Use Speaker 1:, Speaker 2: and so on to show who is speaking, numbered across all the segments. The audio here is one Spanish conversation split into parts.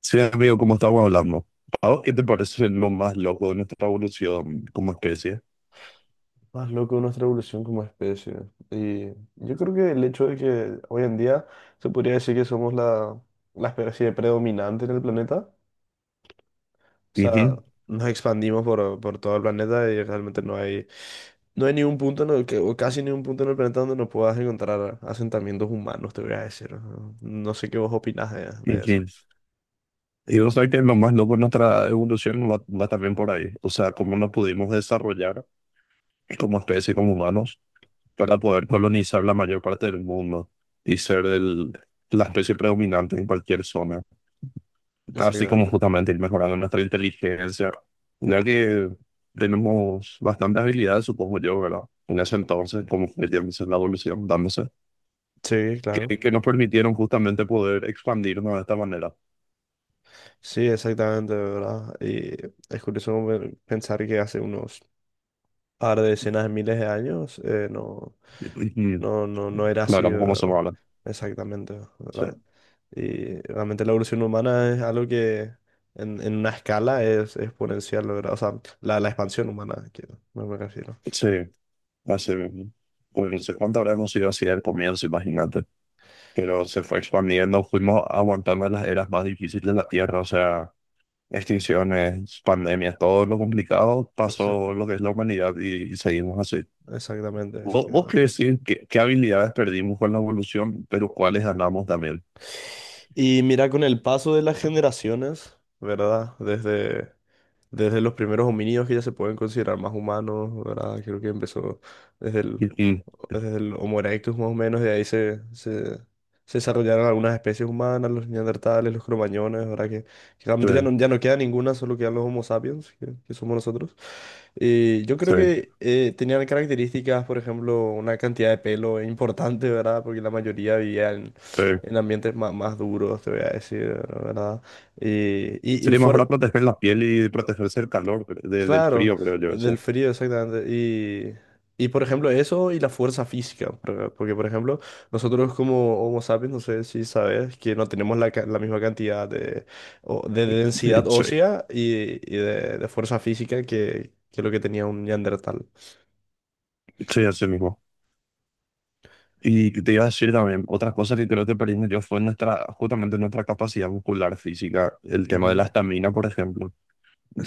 Speaker 1: Sí, amigo, como estábamos hablando, ¿a vos qué te parece lo más loco de nuestra evolución como especie?
Speaker 2: Más loco de nuestra evolución como especie. Y yo creo que el hecho de que hoy en día se podría decir que somos la especie predominante en el planeta, o sea,
Speaker 1: Ujú.
Speaker 2: nos expandimos por todo el planeta y realmente no hay ningún punto en el que, o casi ningún punto en el planeta donde no puedas encontrar asentamientos humanos, te voy a decir. No, no sé qué vos opinás de eso.
Speaker 1: Ujú. Y vos sabés que lo más loco de nuestra evolución va también por ahí. O sea, cómo nos pudimos desarrollar como especie, como humanos, para poder colonizar la mayor parte del mundo y ser la especie predominante en cualquier zona. Así como
Speaker 2: Exactamente.
Speaker 1: justamente ir mejorando nuestra inteligencia, ya que tenemos bastantes habilidades, supongo yo, ¿verdad? En ese entonces, como que ya dice la evolución, dándose,
Speaker 2: Sí, claro.
Speaker 1: que nos permitieron justamente poder expandirnos de esta manera.
Speaker 2: Sí, exactamente, ¿verdad? Y es curioso pensar que hace unos ahora, de decenas de miles de años,
Speaker 1: Y, y
Speaker 2: no era así,
Speaker 1: hablamos como somos
Speaker 2: ¿verdad?
Speaker 1: ahora.
Speaker 2: Exactamente,
Speaker 1: Sí,
Speaker 2: ¿verdad? Y realmente la evolución humana es algo que en una escala es exponencial, ¿verdad? O sea, la expansión humana, quiero, me refiero.
Speaker 1: sí. Así mismo. Pues no sé cuánto habrá conseguido así al comienzo, imagínate. Pero se fue expandiendo, fuimos aguantando las eras más difíciles de la Tierra, o sea, extinciones, pandemias, todo lo complicado
Speaker 2: O sea,
Speaker 1: pasó lo que es la humanidad y seguimos así.
Speaker 2: exactamente,
Speaker 1: ¿Vos
Speaker 2: exactamente.
Speaker 1: querés decir qué, qué habilidades perdimos con la evolución, pero cuáles ganamos también?
Speaker 2: Y mira, con el paso de las generaciones, ¿verdad? Desde los primeros homínidos que ya se pueden considerar más humanos, ¿verdad? Creo que empezó desde el,
Speaker 1: Y- y-
Speaker 2: desde el Homo erectus más o menos, de ahí se desarrollaron algunas especies humanas, los neandertales, los cromañones, ¿verdad? Que
Speaker 1: Sí,
Speaker 2: realmente ya no queda ninguna, solo quedan los Homo sapiens, que somos nosotros. Yo creo
Speaker 1: sí,
Speaker 2: que tenían características, por ejemplo, una cantidad de pelo importante, ¿verdad? Porque la mayoría vivía
Speaker 1: sí.
Speaker 2: en ambientes más duros, te voy a decir, ¿verdad? Eh, y, y
Speaker 1: Sería
Speaker 2: fuer-
Speaker 1: mejor proteger la piel y protegerse del calor, pero- de- del
Speaker 2: claro,
Speaker 1: frío, creo yo,
Speaker 2: del
Speaker 1: eso.
Speaker 2: frío, exactamente. Y, por ejemplo, eso y la fuerza física, ¿verdad? Porque, por ejemplo, nosotros como Homo sapiens, no sé si sabes, que no tenemos la misma cantidad de densidad
Speaker 1: Sí.
Speaker 2: ósea y, de fuerza física que lo que tenía un Neandertal.
Speaker 1: Sí, así mismo. Y te iba a decir también, otra cosa que creo que perdí yo fue nuestra, justamente nuestra capacidad muscular física, el tema de la estamina, por ejemplo.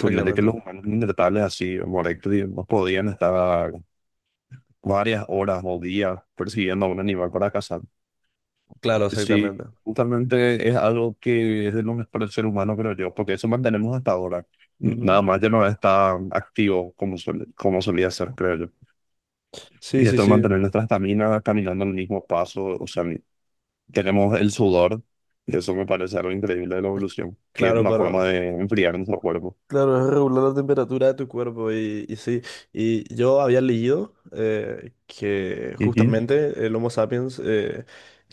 Speaker 1: Ponerle que los humanos neandertales así, morectos, no podían estar varias horas o días persiguiendo a un animal para cazar.
Speaker 2: Claro, exactamente.
Speaker 1: Sí, justamente es algo que es de lo mejor del ser humano, creo yo, porque eso mantenemos hasta ahora. Nada
Speaker 2: Ujú.
Speaker 1: más ya no está activo como, suele- como solía ser, creo yo.
Speaker 2: Sí,
Speaker 1: Y
Speaker 2: sí,
Speaker 1: esto de
Speaker 2: sí.
Speaker 1: mantener nuestra estamina caminando al mismo paso, o sea, tenemos el sudor, y eso me parece algo increíble de la evolución, que es
Speaker 2: Claro,
Speaker 1: una
Speaker 2: para,
Speaker 1: forma de enfriar nuestro cuerpo.
Speaker 2: Claro, es regular la temperatura de tu cuerpo y sí, y yo había leído que
Speaker 1: Y sí,
Speaker 2: justamente el Homo sapiens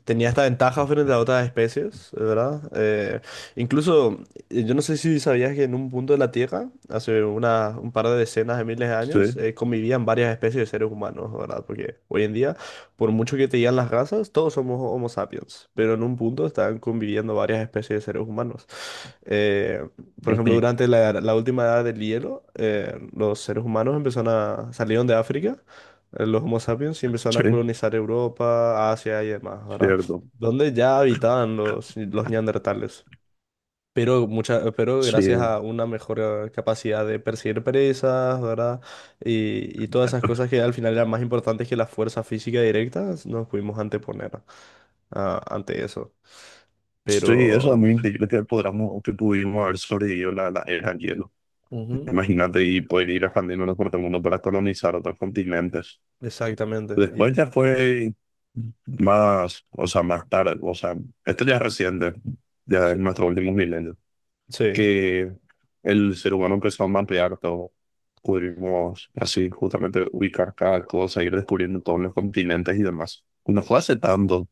Speaker 2: tenía esta ventaja frente a otras especies, ¿verdad? Incluso, yo no sé si sabías que en un punto de la Tierra, hace un par de decenas de miles de años,
Speaker 1: sí,
Speaker 2: convivían varias especies de seres humanos, ¿verdad? Porque hoy en día, por mucho que te digan las razas, todos somos Homo sapiens, pero en un punto estaban conviviendo varias especies de seres humanos. Eh, por ejemplo,
Speaker 1: este,
Speaker 2: durante la última edad del hielo, los seres humanos empezaron salieron de África, los Homo sapiens, y empezaron
Speaker 1: sí,
Speaker 2: a colonizar Europa, Asia y demás, ¿verdad?
Speaker 1: cierto.
Speaker 2: Donde ya habitaban los neandertales. Pero
Speaker 1: Sí,
Speaker 2: gracias a una mejor capacidad de perseguir presas, ¿verdad? Y todas esas cosas que al final eran más importantes que la fuerza física directa, nos pudimos anteponer ante eso.
Speaker 1: sí, eso es
Speaker 2: Pero...
Speaker 1: muy increíble que podamos, que pudimos haber sobrevivido la era del hielo.
Speaker 2: Ujú.
Speaker 1: Imagínate y poder ir expandiéndonos por el mundo para colonizar otros continentes.
Speaker 2: Exactamente.
Speaker 1: Después ya fue más, o sea, más tarde, o sea, esto ya es reciente, ya es
Speaker 2: Sí.
Speaker 1: nuestro último milenio,
Speaker 2: Sí.
Speaker 1: que el ser humano empezó a mapear todo. Pudimos así justamente ubicar cada cosa, ir descubriendo todos los continentes y demás. No fue hace tanto,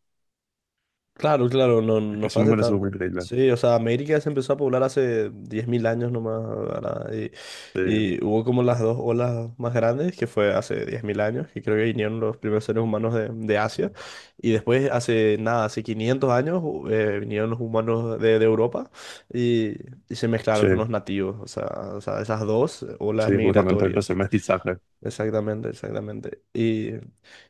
Speaker 2: Claro, claro, no, no fue
Speaker 1: eso me
Speaker 2: hace
Speaker 1: parece muy
Speaker 2: tanto.
Speaker 1: increíble.
Speaker 2: Sí, o sea, América se empezó a poblar hace 10.000 años nomás, ¿verdad?
Speaker 1: Sí,
Speaker 2: Y hubo como las dos olas más grandes, que fue hace 10.000 años, que creo que vinieron los primeros seres humanos de Asia. Y después, hace nada, hace 500 años, vinieron los humanos de Europa y, y se mezclaron con
Speaker 1: sí,
Speaker 2: los nativos. O sea, esas dos olas
Speaker 1: sí, justamente el
Speaker 2: migratorias.
Speaker 1: mestizaje.
Speaker 2: Exactamente, exactamente.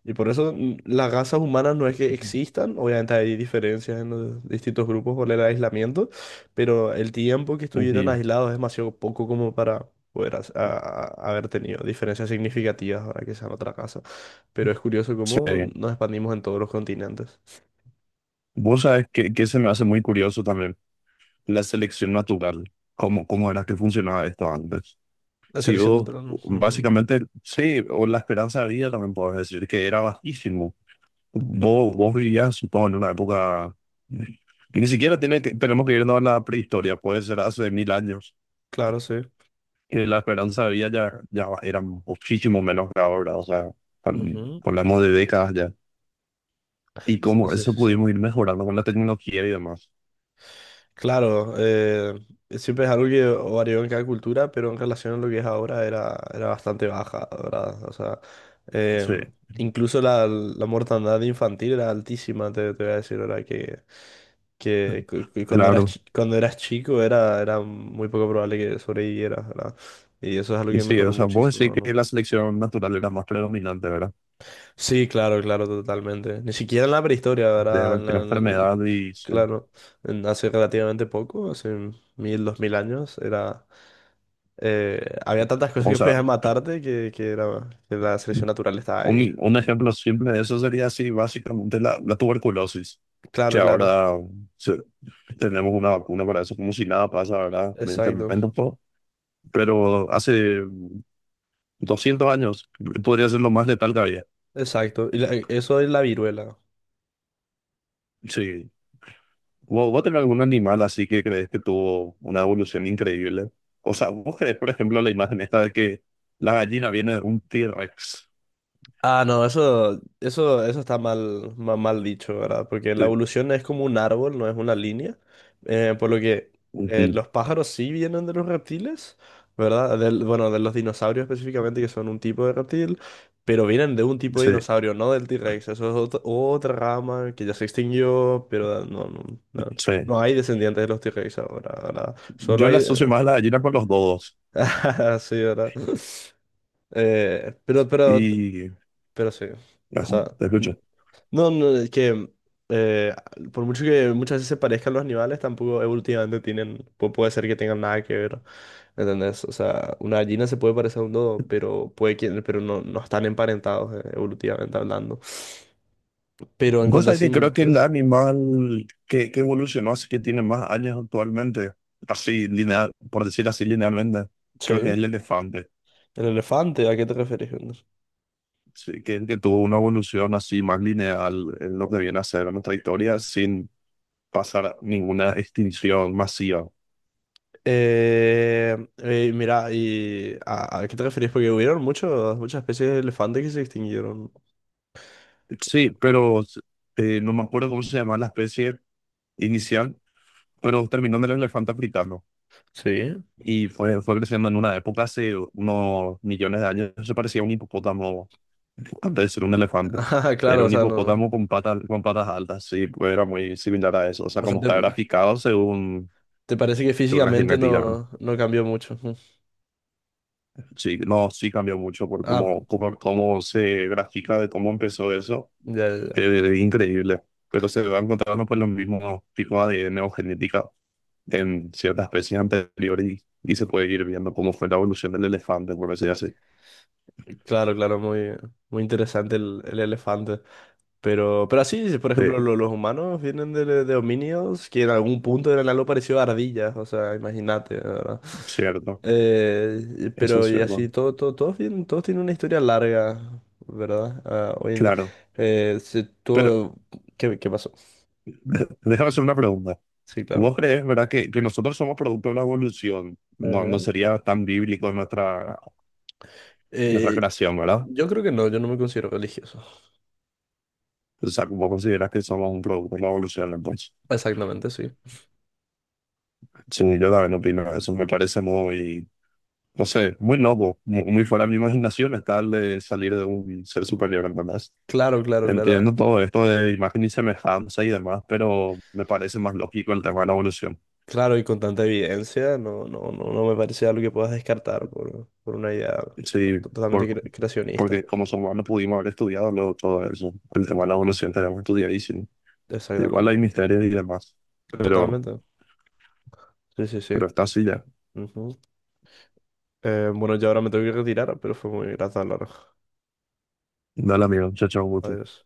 Speaker 2: Y por eso las razas humanas no es que existan, obviamente hay diferencias en los distintos grupos por el aislamiento, pero el tiempo que estuvieron
Speaker 1: Y
Speaker 2: aislados es demasiado poco como para poder haber tenido diferencias significativas ahora que sean otra casa. Pero es curioso
Speaker 1: sí,
Speaker 2: cómo nos expandimos en todos los continentes.
Speaker 1: vos sabes que se me hace muy curioso también, la selección natural, cómo era que funcionaba esto antes.
Speaker 2: La
Speaker 1: Sí,
Speaker 2: selección
Speaker 1: vos,
Speaker 2: natural, no. Ujú.
Speaker 1: básicamente, sí, o la esperanza de vida también puedo decir que era bajísimo. Vos vivías, supongo, en una época que ni siquiera tiene que, tenemos que irnos a la prehistoria, puede ser hace 1000 años,
Speaker 2: Claro, sí.
Speaker 1: que la esperanza de vida ya era muchísimo menos que ahora, o sea, tan-
Speaker 2: Ujú.
Speaker 1: hablamos de décadas ya. Y
Speaker 2: Sí,
Speaker 1: cómo
Speaker 2: sí,
Speaker 1: eso
Speaker 2: sí. Sí.
Speaker 1: pudimos ir mejorando con la tecnología y demás.
Speaker 2: Claro, siempre es algo que varió en cada cultura, pero en relación a lo que es ahora era bastante baja, ¿verdad? O sea, eh,
Speaker 1: Sí,
Speaker 2: incluso la mortandad infantil era altísima, te voy a decir, ¿verdad? Que cuando
Speaker 1: claro.
Speaker 2: cuando eras chico era muy poco probable que sobrevivieras, ¿verdad? Y eso es algo
Speaker 1: Y
Speaker 2: que
Speaker 1: sí, o
Speaker 2: mejoró
Speaker 1: sea, vos decís
Speaker 2: muchísimo,
Speaker 1: que
Speaker 2: ¿no?
Speaker 1: la selección natural era más predominante, ¿verdad?
Speaker 2: Sí, claro, claro, totalmente. Ni siquiera en la prehistoria,
Speaker 1: De
Speaker 2: ¿verdad? En
Speaker 1: cualquier
Speaker 2: la- en-
Speaker 1: enfermedad y, sí.
Speaker 2: claro, en hace relativamente poco, hace 1000, 2000 años, era... Había tantas cosas
Speaker 1: O
Speaker 2: que
Speaker 1: sea,
Speaker 2: podían matarte que la selección natural estaba ahí.
Speaker 1: un ejemplo simple de eso sería así, básicamente la tuberculosis,
Speaker 2: Claro,
Speaker 1: que
Speaker 2: claro.
Speaker 1: ahora se- tenemos una vacuna para eso, como si nada pasa, ¿verdad?
Speaker 2: Exacto,
Speaker 1: Medicamentos, todo. Pero hace 200 años podría ser lo más letal que había.
Speaker 2: exacto. Eso es la viruela.
Speaker 1: Sí. ¿Vos tenés algún animal así que crees que tuvo una evolución increíble? O sea, ¿vos crees, por ejemplo, la imagen esta de que la gallina viene de un T-Rex?
Speaker 2: Ah, no, eso está mal, dicho, ¿verdad? Porque la
Speaker 1: Sí,
Speaker 2: evolución es como un árbol, no es una línea. Por lo que
Speaker 1: sí,
Speaker 2: los pájaros sí vienen de los reptiles, ¿verdad? Bueno, de los dinosaurios específicamente, que son un tipo de reptil, pero vienen de un tipo de
Speaker 1: sí.
Speaker 2: dinosaurio, no del T-Rex. Eso es otra rama que ya se extinguió, pero no,
Speaker 1: Sí.
Speaker 2: no hay descendientes de los T-Rex ahora, ¿verdad? Solo
Speaker 1: Yo la
Speaker 2: hay...
Speaker 1: asocio más a la gallina con los dodos.
Speaker 2: Ah, sí, ¿verdad? Eh, pero, pero,
Speaker 1: Y...
Speaker 2: pero sí. O
Speaker 1: Ajá,
Speaker 2: sea.
Speaker 1: te escucho.
Speaker 2: No, no, es que eh, por mucho que muchas veces se parezcan los animales, tampoco evolutivamente puede ser que tengan nada que ver, ¿entendés? O sea, una gallina se puede parecer a un dodo, pero pero no están emparentados evolutivamente hablando. Pero en
Speaker 1: Vos
Speaker 2: cuanto a
Speaker 1: sabés que creo que
Speaker 2: similitudes,
Speaker 1: el animal que evolucionó, así que tiene más años actualmente, así lineal, por decir así linealmente, creo que
Speaker 2: sí.
Speaker 1: es el elefante,
Speaker 2: El elefante, ¿a qué te referís, Jonas?
Speaker 1: sí, que tuvo una evolución así más lineal en lo que viene a ser nuestra historia sin pasar ninguna extinción masiva.
Speaker 2: Mira, y a qué te referís? Porque hubieron muchas especies de elefantes que se extinguieron.
Speaker 1: Sí, pero no me acuerdo cómo se llama la especie inicial, pero terminó en el elefante africano.
Speaker 2: Sí.
Speaker 1: Y fue, fue creciendo en una época hace unos millones de años. Se parecía a un hipopótamo antes de ser un elefante.
Speaker 2: Ah,
Speaker 1: Era
Speaker 2: claro, o
Speaker 1: un
Speaker 2: sea, no.
Speaker 1: hipopótamo con patas altas, sí, pues era muy similar a eso. O sea,
Speaker 2: O sea,
Speaker 1: como
Speaker 2: te-
Speaker 1: está graficado según,
Speaker 2: ¿Te parece que
Speaker 1: según la
Speaker 2: físicamente
Speaker 1: genética, ¿no?
Speaker 2: no cambió mucho? Mm.
Speaker 1: Sí, no, sí cambió mucho por
Speaker 2: Ah,
Speaker 1: cómo, cómo, cómo se grafica de cómo empezó eso.
Speaker 2: ya, ya,
Speaker 1: Es increíble. Pero se van encontrando pues los mismos tipos de ADN o genética en ciertas especies anteriores y se puede ir viendo cómo fue la evolución del elefante, por decir así.
Speaker 2: ya. Claro, claro, muy, muy interesante el elefante. Pero así, si por ejemplo,
Speaker 1: Sí.
Speaker 2: los humanos vienen de homínidos que en algún punto eran algo parecido a ardillas, o sea, imagínate, ¿verdad?
Speaker 1: Cierto,
Speaker 2: Eh, y-
Speaker 1: eso es
Speaker 2: pero y
Speaker 1: cierto.
Speaker 2: así, todos, todos tienen una historia larga, ¿verdad? Ah, hoy en día.
Speaker 1: Claro.
Speaker 2: Eh, se-
Speaker 1: Pero
Speaker 2: todo- qué pasó?
Speaker 1: de- déjame hacer una pregunta.
Speaker 2: Sí, claro.
Speaker 1: ¿Vos crees, verdad, que nosotros somos producto de la evolución? No
Speaker 2: Ujú.
Speaker 1: sería tan bíblico nuestra, nuestra
Speaker 2: Eh,
Speaker 1: creación, ¿verdad?
Speaker 2: yo creo que no, yo no me considero religioso.
Speaker 1: O sea, ¿vos consideras que somos un producto de la evolución, entonces?
Speaker 2: Exactamente, sí.
Speaker 1: Sí, yo también opino eso. Me parece muy, no sé, muy loco, mu- muy, fuera de mi imaginación estar de salir de un ser superior, ¿entendés?
Speaker 2: Claro, claro, claro.
Speaker 1: Entiendo todo esto de imagen y semejanza y demás, pero me parece más lógico el tema de la evolución.
Speaker 2: Claro, y con tanta evidencia, no me parece algo que puedas descartar por una idea
Speaker 1: Sí,
Speaker 2: totalmente
Speaker 1: por-
Speaker 2: creacionista.
Speaker 1: porque como somos humanos pudimos haber estudiado luego todo eso. El tema de la evolución tenemos estudiadísimo. Igual hay
Speaker 2: Exactamente.
Speaker 1: misterios y demás. Pero,
Speaker 2: Totalmente. Sí, sí, sí.
Speaker 1: pero está así ya.
Speaker 2: Ujú. Bueno, ya ahora me tengo que retirar, pero fue muy grato hablar.
Speaker 1: Dale, amigo. Chao, chao, gusto.
Speaker 2: Adiós.